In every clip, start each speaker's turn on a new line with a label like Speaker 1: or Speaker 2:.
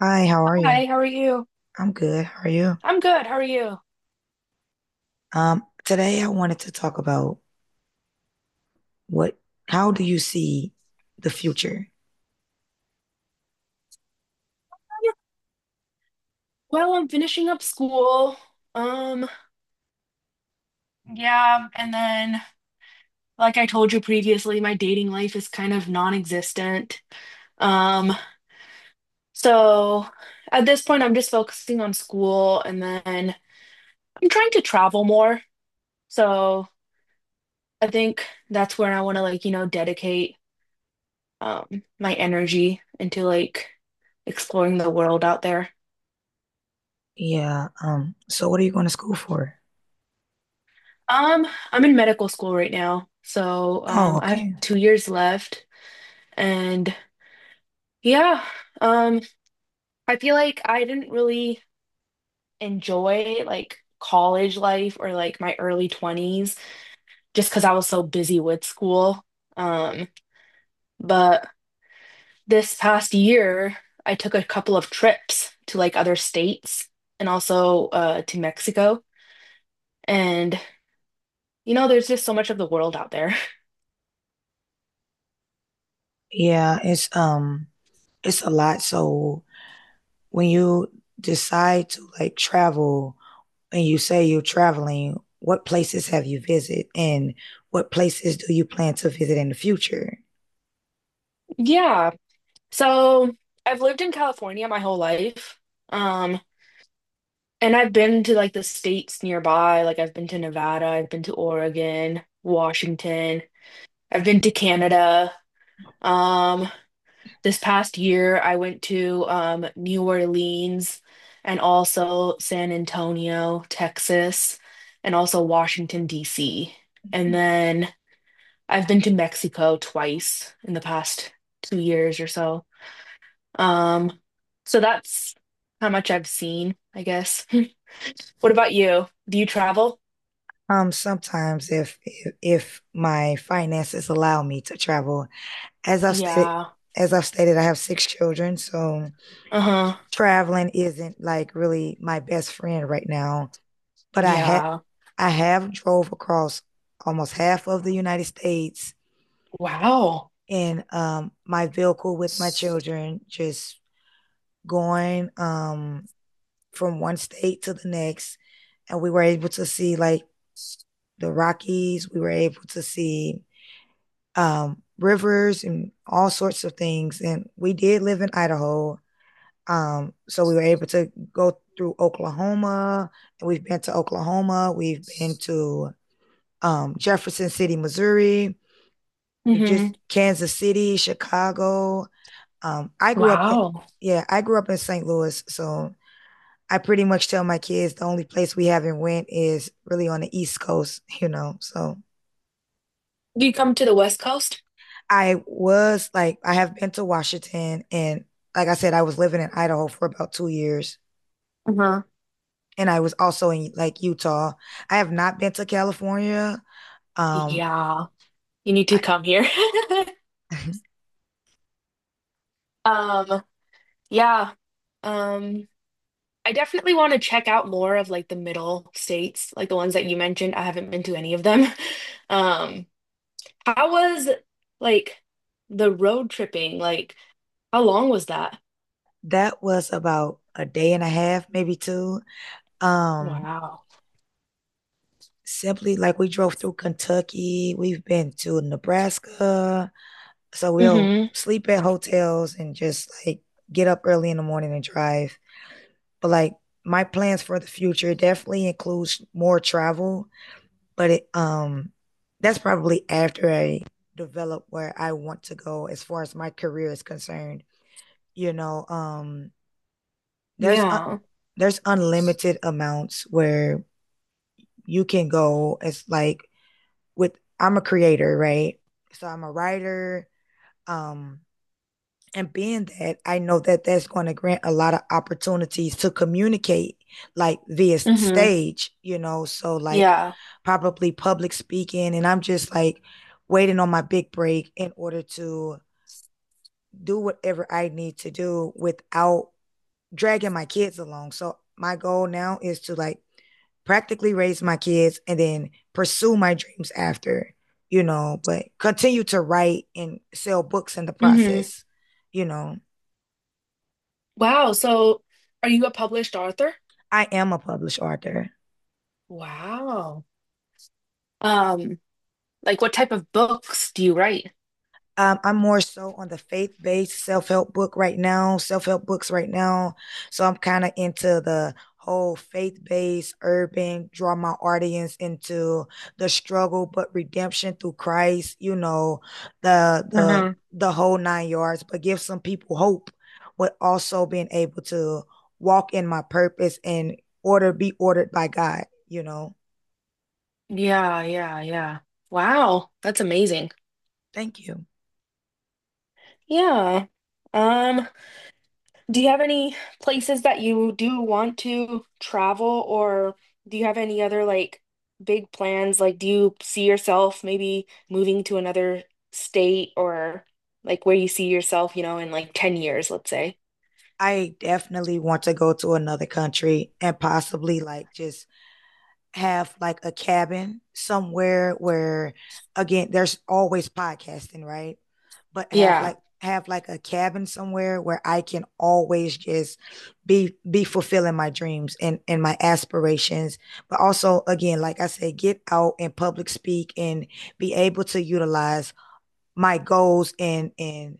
Speaker 1: Hi, how are you?
Speaker 2: Hi, how are you?
Speaker 1: I'm good. How are you?
Speaker 2: I'm good. How are you?
Speaker 1: Today I wanted to talk about what, how do you see the future?
Speaker 2: Well, I'm finishing up school. Um, yeah, and then like I told you previously, my dating life is kind of non-existent. Um, so at this point I'm just focusing on school, and then I'm trying to travel more. So I think that's where I want to, like, dedicate my energy into, like, exploring the world out there.
Speaker 1: Yeah, so what are you going to school for?
Speaker 2: Um, I'm in medical school right now, so
Speaker 1: Oh,
Speaker 2: I have
Speaker 1: okay.
Speaker 2: 2 years left, and yeah, um, I feel like I didn't really enjoy like college life or like my early 20s just because I was so busy with school. Um, but this past year, I took a couple of trips to like other states and also to Mexico, and there's just so much of the world out there.
Speaker 1: Yeah, it's it's a lot. So when you decide to like travel and you say you're traveling, what places have you visited and what places do you plan to visit in the future?
Speaker 2: Yeah. So I've lived in California my whole life. Um, and I've been to like the states nearby. Like, I've been to Nevada, I've been to Oregon, Washington, I've been to Canada. Um, this past year I went to New Orleans and also San Antonio, Texas, and also Washington, D.C. And then I've been to Mexico twice in the past 2 years or so. Um, so that's how much I've seen, I guess. What about you? Do you travel?
Speaker 1: Sometimes if my finances allow me to travel, as I've stated,
Speaker 2: Yeah.
Speaker 1: as I've stated, I have six children, so
Speaker 2: Uh-huh.
Speaker 1: traveling isn't like really my best friend right now. But I had
Speaker 2: Yeah.
Speaker 1: I have drove across almost half of the United States
Speaker 2: Wow.
Speaker 1: in my vehicle with my children, just going from one state to the next, and we were able to see like the Rockies. We were able to see rivers and all sorts of things. And we did live in Idaho. So we were able to go through Oklahoma. And we've been to Oklahoma. We've been to Jefferson City, Missouri. We
Speaker 2: Mm-hmm.
Speaker 1: just Kansas City, Chicago. I grew up in,
Speaker 2: Wow.
Speaker 1: yeah, I grew up in St. Louis. So I pretty much tell my kids the only place we haven't went is really on the East Coast, you know. So
Speaker 2: Do you come to the West Coast?
Speaker 1: I was like, I have been to Washington, and like I said, I was living in Idaho for about 2 years,
Speaker 2: Uh-huh.
Speaker 1: and I was also in like Utah. I have not been to California. Um,
Speaker 2: Yeah. You need to
Speaker 1: I,
Speaker 2: come here. Um, yeah. Um, I definitely want to check out more of like the middle states, like the ones that you mentioned. I haven't been to any of them. Um, how was like the road tripping? Like, how long was that?
Speaker 1: that was about a day and a half, maybe two. Um,
Speaker 2: Wow.
Speaker 1: simply like we drove through Kentucky, we've been to Nebraska, so we'll
Speaker 2: Hmm.
Speaker 1: sleep at hotels and just like get up early in the morning and drive. But like my plans for the future definitely includes more travel, but it that's probably after I develop where I want to go as far as my career is concerned. You know, there's a
Speaker 2: Yeah.
Speaker 1: there's unlimited amounts where you can go. It's like with I'm a creator, right? So I'm a writer, um and being that, I know that that's going to grant a lot of opportunities to communicate, like via
Speaker 2: Hmm.
Speaker 1: stage, you know, so like
Speaker 2: Yeah.
Speaker 1: probably public speaking. And I'm just like waiting on my big break in order to do whatever I need to do without dragging my kids along. So my goal now is to like practically raise my kids and then pursue my dreams after, you know, but continue to write and sell books in the
Speaker 2: Hmm.
Speaker 1: process, you know.
Speaker 2: Wow. So are you a published author?
Speaker 1: I am a published author.
Speaker 2: Wow. Um, like, what type of books do you write?
Speaker 1: I'm more so on the faith based self help book right now, self help books right now. So I'm kind of into the whole faith based urban, draw my audience into the struggle but redemption through Christ. You know, the the
Speaker 2: Uh-huh.
Speaker 1: the whole nine yards, but give some people hope, but also being able to walk in my purpose and order be ordered by God. You know.
Speaker 2: Yeah, yeah, yeah. Wow, that's amazing.
Speaker 1: Thank you.
Speaker 2: Yeah. Um, Do you have any places that you do want to travel, or do you have any other like big plans? Like, do you see yourself maybe moving to another state, or like where you see yourself, you know, in like 10 years, let's say?
Speaker 1: I definitely want to go to another country and possibly like just have like a cabin somewhere where again there's always podcasting, right? But
Speaker 2: Yeah.
Speaker 1: have like a cabin somewhere where I can always just be fulfilling my dreams and my aspirations but also again like I said get out and public speak and be able to utilize my goals and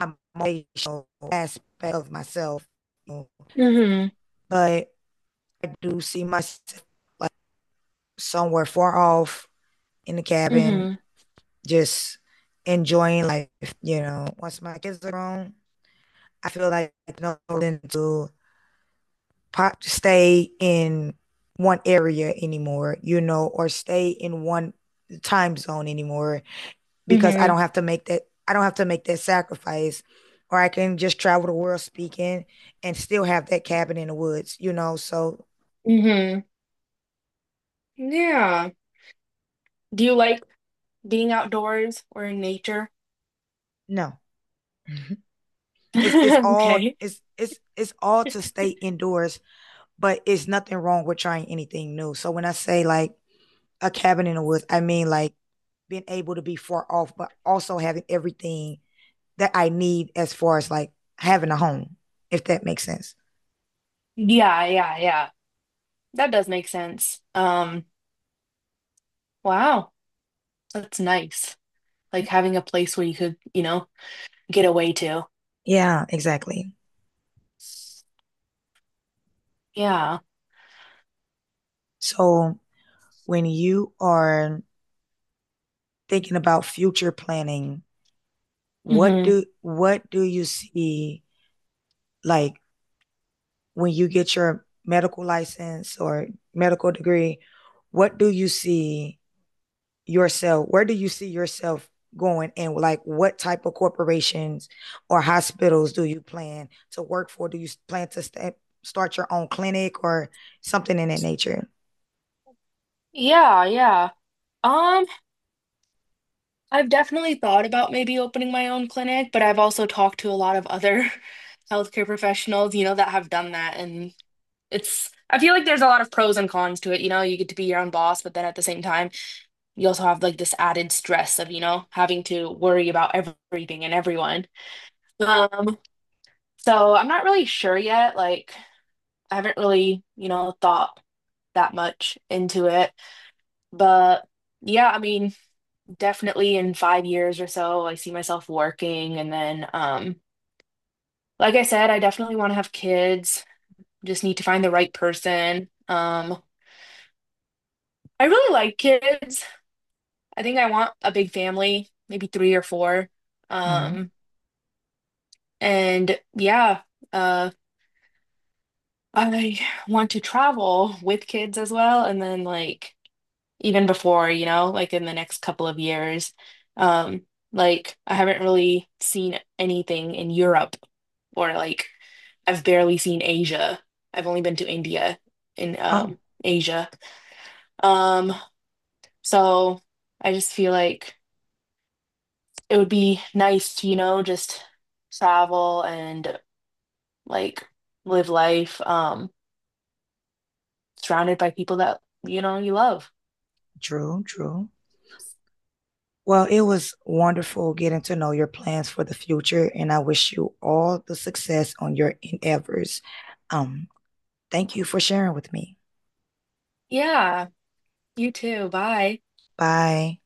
Speaker 1: my motivational aspect of myself, you know,
Speaker 2: Hmm.
Speaker 1: but I do see myself like somewhere far off in the cabin,
Speaker 2: Hmm.
Speaker 1: just enjoying life. You know, once my kids are grown, I feel like no reason to pop stay in one area anymore. You know, or stay in one time zone anymore because I
Speaker 2: Hmm.
Speaker 1: don't have to make that. I don't have to make that sacrifice. Or I can just travel the world speaking and still have that cabin in the woods, you know. So
Speaker 2: Hmm. Yeah. Do you like being outdoors or in nature?
Speaker 1: no. It's all
Speaker 2: Okay.
Speaker 1: it's all to stay indoors, but it's nothing wrong with trying anything new. So when I say like a cabin in the woods, I mean like being able to be far off, but also having everything that I need as far as like having a home, if that makes sense.
Speaker 2: Yeah, yeah, yeah. That does make sense. Wow, that's nice. Like,
Speaker 1: Yep.
Speaker 2: having a place where you could, you know, get away to.
Speaker 1: Yeah, exactly.
Speaker 2: Yeah.
Speaker 1: So when you are thinking about future planning, what
Speaker 2: Hmm.
Speaker 1: do what do you see like when you get your medical license or medical degree, what do you see yourself? Where do you see yourself going? And like, what type of corporations or hospitals do you plan to work for? Do you plan to start your own clinic or something in that nature?
Speaker 2: Yeah, yeah. Um, I've definitely thought about maybe opening my own clinic, but I've also talked to a lot of other healthcare professionals, you know, that have done that. And it's, I feel like there's a lot of pros and cons to it. You know, you get to be your own boss, but then at the same time, you also have like this added stress of, you know, having to worry about everything and everyone. Um, so I'm not really sure yet. Like, I haven't really, you know, thought that much into it. But yeah, I mean, definitely in 5 years or so, I see myself working. And then, like I said, I definitely want to have kids. Just need to find the right person. I really like kids. I think I want a big family, maybe three or four.
Speaker 1: Mm-hmm.
Speaker 2: Um, and yeah, uh, I want to travel with kids as well. And then, like, even before, you know, like in the next couple of years. Um, like, I haven't really seen anything in Europe, or like I've barely seen Asia. I've only been to India in
Speaker 1: Oh,
Speaker 2: Asia. Um, so I just feel like it would be nice to, you know, just travel and like live life surrounded by people that, you know, you love.
Speaker 1: Drew. Well, it was wonderful getting to know your plans for the future, and I wish you all the success on your endeavors. Um, thank you for sharing with me.
Speaker 2: Yeah, you too. Bye.
Speaker 1: Bye.